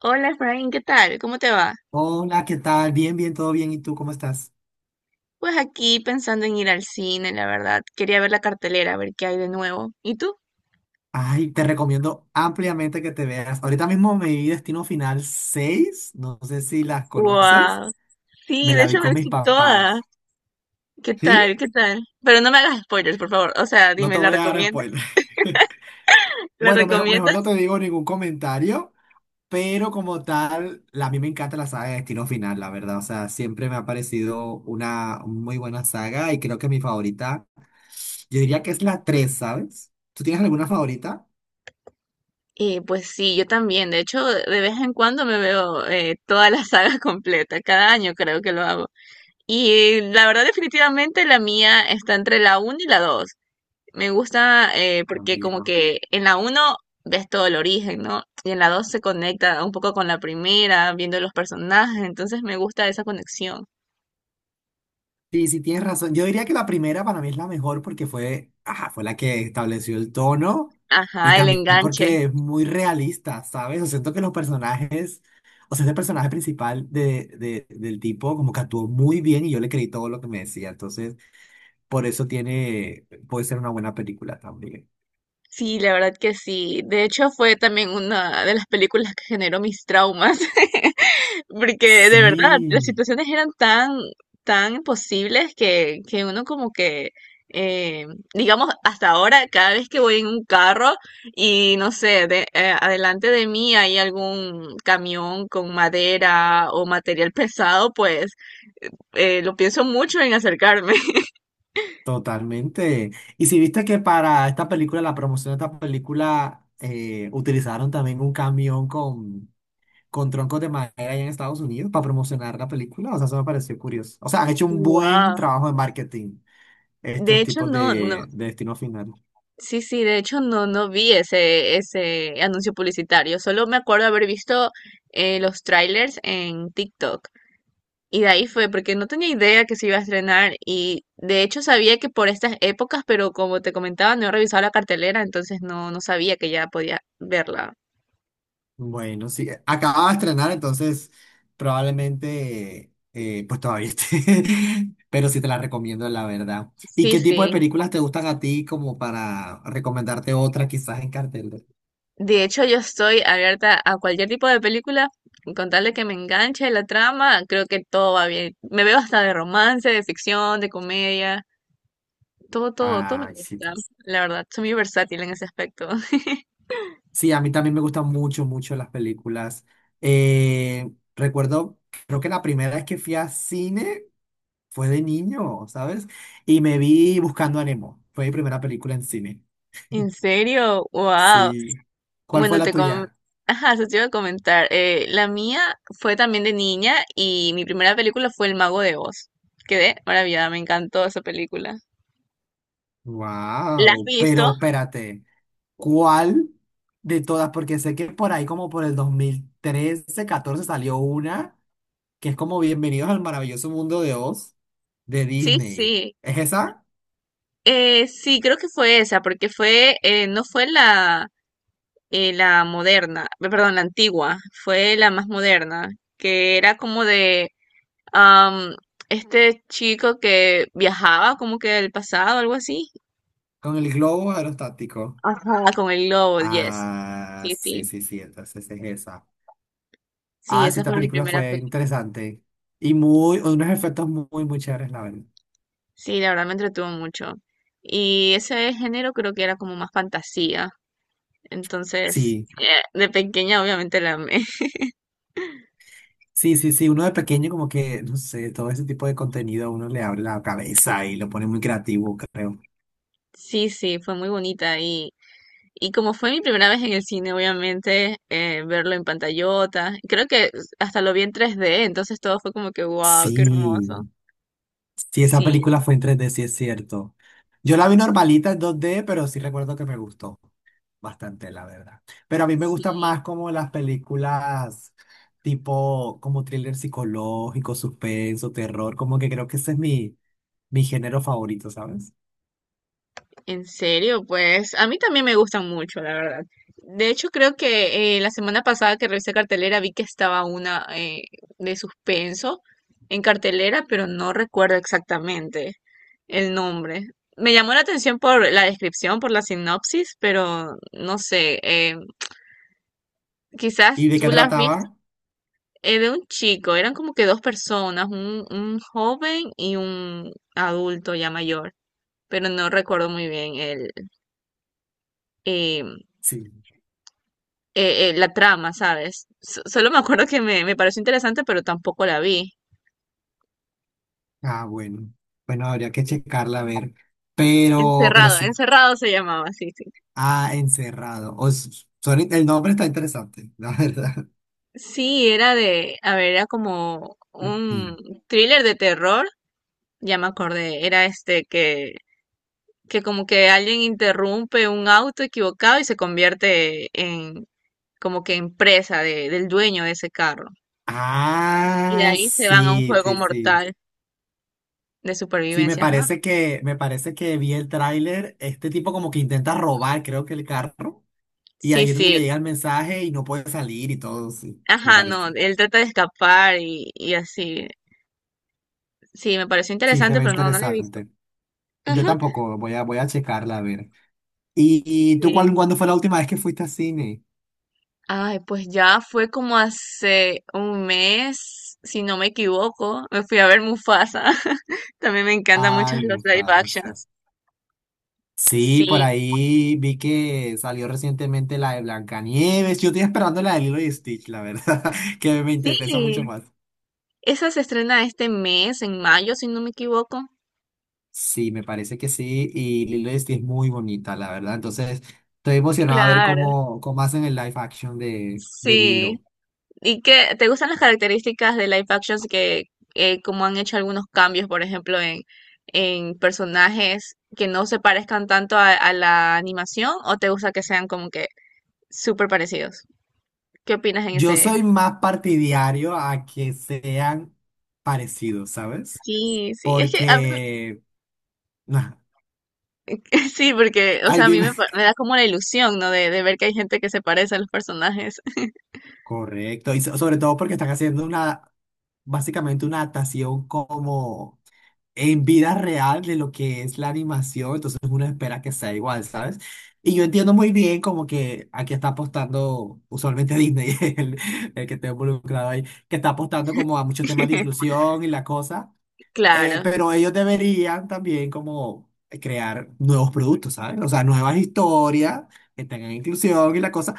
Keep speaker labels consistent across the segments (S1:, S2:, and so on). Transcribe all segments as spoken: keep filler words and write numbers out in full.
S1: Hola, Efraín, ¿qué tal? ¿Cómo te va?
S2: Hola, ¿qué tal? Bien, bien, todo bien. ¿Y tú cómo estás?
S1: Pues aquí pensando en ir al cine, la verdad. Quería ver la cartelera, a ver qué hay de nuevo. ¿Y tú?
S2: Ay, te recomiendo ampliamente que te veas. Ahorita mismo me vi Destino Final seis. No sé si las conoces.
S1: ¡Wow! Sí,
S2: Me
S1: de
S2: la vi
S1: hecho me
S2: con mis
S1: visto toda.
S2: papás.
S1: ¿Qué
S2: ¿Sí?
S1: tal? ¿Qué tal? Pero no me hagas spoilers, por favor. O sea,
S2: No
S1: dime,
S2: te
S1: ¿la
S2: voy a dar spoiler.
S1: recomiendas? ¿La
S2: Bueno, mejor, mejor no
S1: recomiendas?
S2: te digo ningún comentario, pero como tal, la- a mí me encanta la saga de Destino Final, la verdad. O sea, siempre me ha parecido una muy buena saga y creo que mi favorita. Yo diría que es la tres, ¿sabes? ¿Tú tienes alguna favorita?
S1: Eh, pues sí, yo también. De hecho, de vez en cuando me veo eh, toda la saga completa. Cada año creo que lo hago. Y la verdad, definitivamente la mía está entre la uno y la dos. Me gusta eh, porque como
S2: También.
S1: que en la uno ves todo el origen, ¿no? Y en la dos se conecta un poco con la primera, viendo los personajes, entonces me gusta esa conexión.
S2: Sí, sí, tienes razón. Yo diría que la primera para mí es la mejor porque fue, ajá, fue la que estableció el tono y
S1: Ajá, el
S2: también
S1: enganche.
S2: porque es muy realista, ¿sabes? O siento que los personajes, o sea, ese personaje principal de, de- del tipo como que actuó muy bien y yo le creí todo lo que me decía. Entonces, por eso tiene, puede ser una buena película también.
S1: Sí, la verdad que sí. De hecho, fue también una de las películas que generó mis traumas. Porque de verdad, las
S2: Sí,
S1: situaciones eran tan, tan imposibles que, que uno como que, eh, digamos, hasta ahora, cada vez que voy en un carro y no sé, de- eh, adelante de mí hay algún camión con madera o material pesado, pues eh, lo pienso mucho en acercarme.
S2: totalmente. Y si viste que para esta película, la promoción de esta película, eh, utilizaron también un camión con, con troncos de madera allá en Estados Unidos para promocionar la película, o sea, eso me pareció curioso. O sea, han hecho un buen
S1: Wow.
S2: trabajo de marketing
S1: De
S2: estos
S1: hecho,
S2: tipos
S1: no, no.
S2: de, de destino final.
S1: Sí, sí, de hecho no, no vi ese, ese anuncio publicitario. Solo me acuerdo haber visto eh, los trailers en TikTok. Y de ahí fue, porque no tenía idea que se iba a estrenar y de hecho sabía que por estas épocas, pero como te comentaba, no he revisado la cartelera, entonces no, no sabía que ya podía verla.
S2: Bueno, sí, eh, acababa de estrenar, entonces probablemente, eh, pues todavía esté, pero sí te la recomiendo, la verdad. ¿Y
S1: Sí,
S2: qué tipo de
S1: sí.
S2: películas te gustan a ti como para recomendarte otra quizás en cartel?
S1: De hecho, yo estoy abierta a cualquier tipo de película, con tal de que me enganche la trama, creo que todo va bien. Me veo hasta de romance, de ficción, de comedia, todo, todo, todo me
S2: Ah, sí.
S1: gusta.
S2: Tú.
S1: La verdad, soy muy versátil en ese aspecto.
S2: Sí, a mí también me gustan mucho, mucho las películas. Eh, Recuerdo, creo que la primera vez que fui a cine fue de niño, ¿sabes? Y me vi Buscando a Nemo. Fue mi primera película en cine.
S1: ¿En serio? ¡Wow!
S2: Sí. ¿Cuál fue
S1: Bueno,
S2: la
S1: te com
S2: tuya?
S1: ajá, eso te iba a comentar. Eh, la mía fue también de niña y mi primera película fue El Mago de Oz. Quedé maravillada, me encantó esa película. ¿La has
S2: Wow,
S1: visto?
S2: pero espérate, ¿cuál de todas? Porque sé que por ahí como por el dos mil trece, catorce salió una que es como Bienvenidos al maravilloso mundo de Oz de
S1: Sí,
S2: Disney.
S1: sí.
S2: ¿Es esa?
S1: Eh, sí, creo que fue esa, porque fue, eh, no fue la, eh, la moderna, eh, perdón, la antigua, fue la más moderna, que era como de am, este chico que viajaba como que del pasado, algo así.
S2: Con el globo aerostático.
S1: Ajá. Con el globo, yes.
S2: Ah,
S1: Sí,
S2: sí,
S1: sí.
S2: sí, sí, entonces es esa.
S1: Sí,
S2: Ah, sí,
S1: esa
S2: esta
S1: fue mi
S2: película
S1: primera
S2: fue
S1: película.
S2: interesante y muy, unos efectos muy, muy chéveres, la verdad.
S1: Sí, la verdad me entretuvo mucho. Y ese género creo que era como más fantasía. Entonces,
S2: Sí.
S1: eh, de pequeña obviamente la amé.
S2: Sí, sí, sí, uno de pequeño como que, no sé, todo ese tipo de contenido a uno le abre la cabeza y lo pone muy creativo, creo.
S1: Sí, sí, fue muy bonita. Y, y como fue mi primera vez en el cine, obviamente, eh, verlo en pantallota. Creo que hasta lo vi en tres D, entonces todo fue como que, wow, qué hermoso.
S2: Sí, sí, esa
S1: Sí,
S2: película fue en tres D, sí es cierto. Yo la vi normalita en dos D, pero sí recuerdo que me gustó bastante, la verdad. Pero a mí me gustan
S1: sí.
S2: más como las películas tipo como thriller psicológico, suspenso, terror, como que creo que ese es mi, mi género favorito, ¿sabes?
S1: En serio, pues a mí también me gustan mucho, la verdad. De hecho, creo que eh, la semana pasada que revisé cartelera vi que estaba una eh, de suspenso en cartelera, pero no recuerdo exactamente el nombre. Me llamó la atención por la descripción, por la sinopsis, pero no sé, eh,
S2: ¿Y
S1: quizás
S2: de
S1: tú
S2: qué
S1: la has visto.
S2: trataba?
S1: Eh, de un chico, eran como que dos personas, un, un joven y un adulto ya mayor, pero no recuerdo muy bien el, eh,
S2: Sí.
S1: eh, eh, la trama, ¿sabes? So- solo me acuerdo que me, me pareció interesante, pero tampoco la vi.
S2: Ah, bueno. Bueno, habría que checarla a ver. Pero, pero
S1: Encerrado,
S2: sí.
S1: Encerrado se llamaba, sí, sí.
S2: Ah, Encerrado. O s- son el nombre está interesante, la verdad.
S1: Sí, era de, a ver, era como un
S2: Mm.
S1: thriller de terror, ya me acordé, era este que, que como que alguien interrumpe un auto equivocado y se convierte en como que en presa de, del dueño de ese carro. Y de
S2: Ah,
S1: ahí se van a un
S2: sí,
S1: juego
S2: sí, sí.
S1: mortal de
S2: Sí, me
S1: supervivencia, ajá.
S2: parece que, me parece que vi el tráiler. Este tipo como que intenta robar, creo que el carro. Y
S1: Sí,
S2: ahí es donde
S1: sí,
S2: le llega el mensaje y no puede salir y todo, sí, me
S1: ajá, no,
S2: parece.
S1: él trata de escapar y, y así. Sí, me pareció
S2: Sí, se
S1: interesante,
S2: ve
S1: pero no, no la he visto.
S2: interesante. Yo
S1: Ajá.
S2: tampoco, voy a, voy a checarla a ver. ¿Y, y tú cuál-
S1: Sí.
S2: cuándo fue la última vez que fuiste al cine?
S1: Ay, pues ya fue como hace un mes, si no me equivoco, me fui a ver Mufasa. También me encantan mucho
S2: Ay,
S1: los live
S2: Mufasa.
S1: actions.
S2: Sí, por
S1: Sí,
S2: ahí vi que salió recientemente la de Blancanieves. Yo estoy esperando la de Lilo y Stitch, la verdad, que me interesa
S1: sí.
S2: mucho más.
S1: Esa se estrena este mes, en mayo, si no me equivoco.
S2: Sí, me parece que sí. Y Lilo y Stitch es muy bonita, la verdad. Entonces, estoy emocionado a ver
S1: Claro,
S2: cómo, cómo hacen el live action de, de
S1: sí.
S2: Lilo.
S1: ¿Y qué te gustan las características de live actions que eh, como han hecho algunos cambios, por ejemplo, en, en personajes que no se parezcan tanto a, a la animación o te gusta que sean como que súper parecidos? ¿Qué opinas en
S2: Yo
S1: ese?
S2: soy más partidario a que sean parecidos, ¿sabes?
S1: Sí, sí, es que a mí
S2: Porque. Nah,
S1: sí, porque, o
S2: ay,
S1: sea, a mí
S2: dime.
S1: me, pa- me da como la ilusión, ¿no? De, de ver que hay gente que se parece a los personajes.
S2: Correcto. Y so- sobre todo porque están haciendo una. Básicamente una adaptación como en vida real de lo que es la animación, entonces uno espera que sea igual, ¿sabes? Y yo entiendo muy bien como que aquí está apostando, usualmente Disney, el, el que está involucrado ahí, que está apostando como a muchos temas de inclusión y la cosa, eh,
S1: Claro,
S2: pero ellos deberían también como crear nuevos productos, ¿sabes? O sea, nuevas historias que tengan inclusión y la cosa.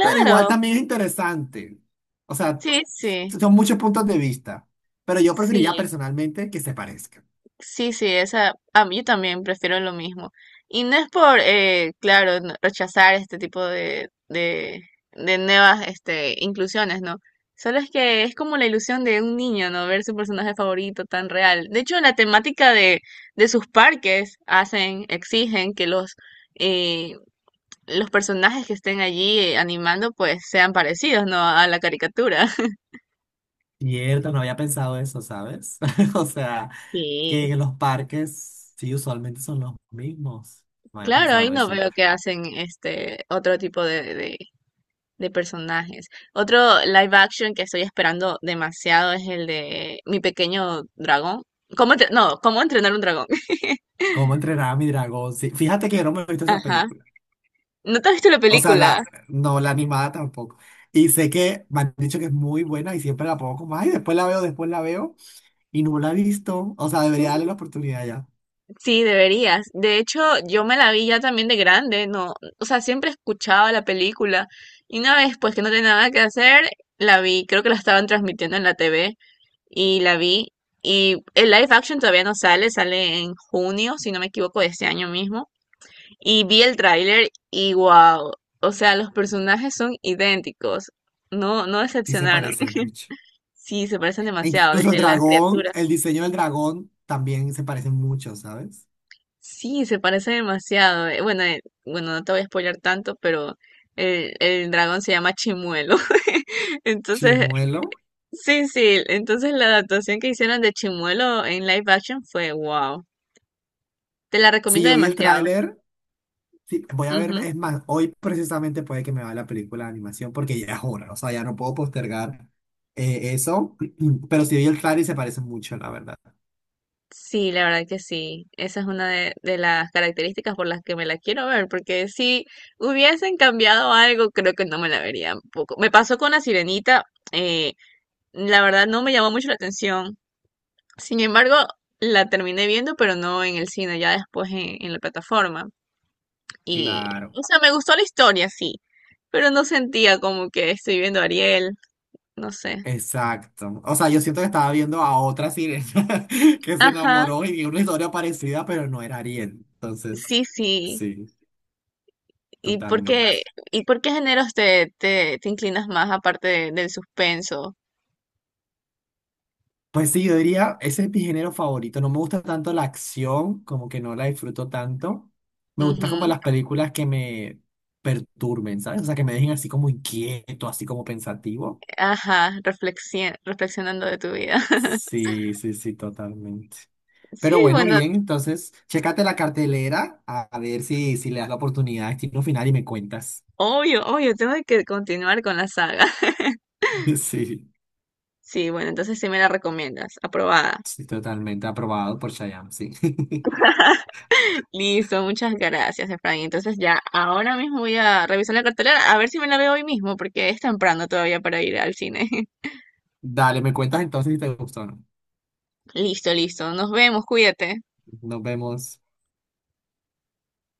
S2: Pero igual también es interesante. O sea,
S1: sí, sí,
S2: son muchos puntos de vista. Pero yo preferiría
S1: sí.
S2: personalmente que se parezcan.
S1: Sí, sí, esa, a mí también prefiero lo mismo. Y no es por, eh, claro, n- rechazar este tipo de, de, de nuevas, este, inclusiones, ¿no? Solo es que es como la ilusión de un niño, ¿no? Ver su personaje favorito tan real. De hecho, la temática de, de sus parques hacen, exigen que los, eh, los personajes que estén allí eh, animando, pues sean parecidos, ¿no? A la caricatura.
S2: Cierto, no había pensado eso, ¿sabes? O sea,
S1: Sí.
S2: que los parques sí usualmente son los mismos. No había
S1: Claro, ahí
S2: pensado
S1: no
S2: eso.
S1: veo que hacen este otro tipo de, de de personajes. Otro live action que estoy esperando demasiado es el de Mi Pequeño Dragón. ¿Cómo entre- No, ¿Cómo entrenar un dragón?
S2: ¿Cómo entrenar a mi dragón? Sí, fíjate que yo no me he visto esa
S1: Ajá.
S2: película.
S1: ¿No te has visto la
S2: O sea,
S1: película?
S2: la, no, la animada tampoco. Y sé que me han dicho que es muy buena y siempre la pongo como, ay, después la veo, después la veo. Y no la he visto. O sea, debería darle
S1: Sí.
S2: la oportunidad ya.
S1: Sí, deberías. De hecho, yo me la vi ya también de grande, ¿no? O sea, siempre escuchaba la película. Y una vez, pues que no tenía nada que hacer, la vi. Creo que la estaban transmitiendo en la T V y la vi. Y el live action todavía no sale, sale en junio, si no me equivoco, de este año mismo. Y vi el tráiler y wow, o sea, los personajes son idénticos, no, no
S2: Sí se
S1: decepcionaron.
S2: parecen mucho.
S1: Sí, se parecen
S2: E
S1: demasiado,
S2: incluso el
S1: desde las
S2: dragón,
S1: criaturas.
S2: el diseño del dragón también se parece mucho, ¿sabes?
S1: Sí, se parecen demasiado. eh, Bueno, eh, bueno, no te voy a spoiler tanto, pero el, el dragón se llama Chimuelo. Entonces,
S2: Chimuelo.
S1: sí, sí, entonces la adaptación que hicieron de Chimuelo en live action fue wow. Te la
S2: Si
S1: recomiendo
S2: yo vi el
S1: demasiado.
S2: tráiler, sí, voy a ver,
S1: Ujú.
S2: es más, hoy precisamente puede que me vaya la película de animación porque ya es hora, o sea, ya no puedo postergar eh, eso, pero si vi el tráiler y se parece mucho, la verdad.
S1: Sí, la verdad que sí. Esa es una de, de las características por las que me la quiero ver, porque si hubiesen cambiado algo, creo que no me la vería un poco. Me pasó con La Sirenita, eh, la verdad no me llamó mucho la atención. Sin embargo, la terminé viendo, pero no en el cine, ya después en, en la plataforma. Y,
S2: Claro,
S1: o sea, me gustó la historia, sí, pero no sentía como que estoy viendo a Ariel, no sé.
S2: exacto. O sea, yo siento que estaba viendo a otra sirena que se
S1: Ajá,
S2: enamoró y vi una historia parecida, pero no era Ariel. Entonces,
S1: sí, sí.
S2: sí,
S1: ¿Y por qué,
S2: totalmente.
S1: ¿Y por qué géneros te, te, te inclinas más aparte de- del suspenso?
S2: Pues sí, yo diría, ese es mi género favorito. No me gusta tanto la acción, como que no la disfruto tanto. Me gusta como
S1: Ujú.
S2: las películas que me perturben, ¿sabes? O sea, que me dejen así como inquieto, así como pensativo.
S1: Ajá, reflexi- reflexionando de tu vida.
S2: Sí, sí, sí, totalmente.
S1: Sí,
S2: Pero bueno,
S1: bueno,
S2: bien, entonces, chécate la cartelera a a ver si, si le das la oportunidad a Destino Final y me cuentas.
S1: obvio, obvio, tengo que continuar con la saga.
S2: Sí,
S1: Sí, bueno, entonces sí me la recomiendas, aprobada.
S2: sí, totalmente aprobado por Shyam, sí.
S1: Listo, muchas gracias, Efraín. Entonces ya, ahora mismo voy a revisar la cartelera, a ver si me la veo hoy mismo, porque es temprano todavía para ir al cine.
S2: Dale, me cuentas entonces si te gustó o no.
S1: Listo, listo, nos vemos, cuídate.
S2: Nos vemos.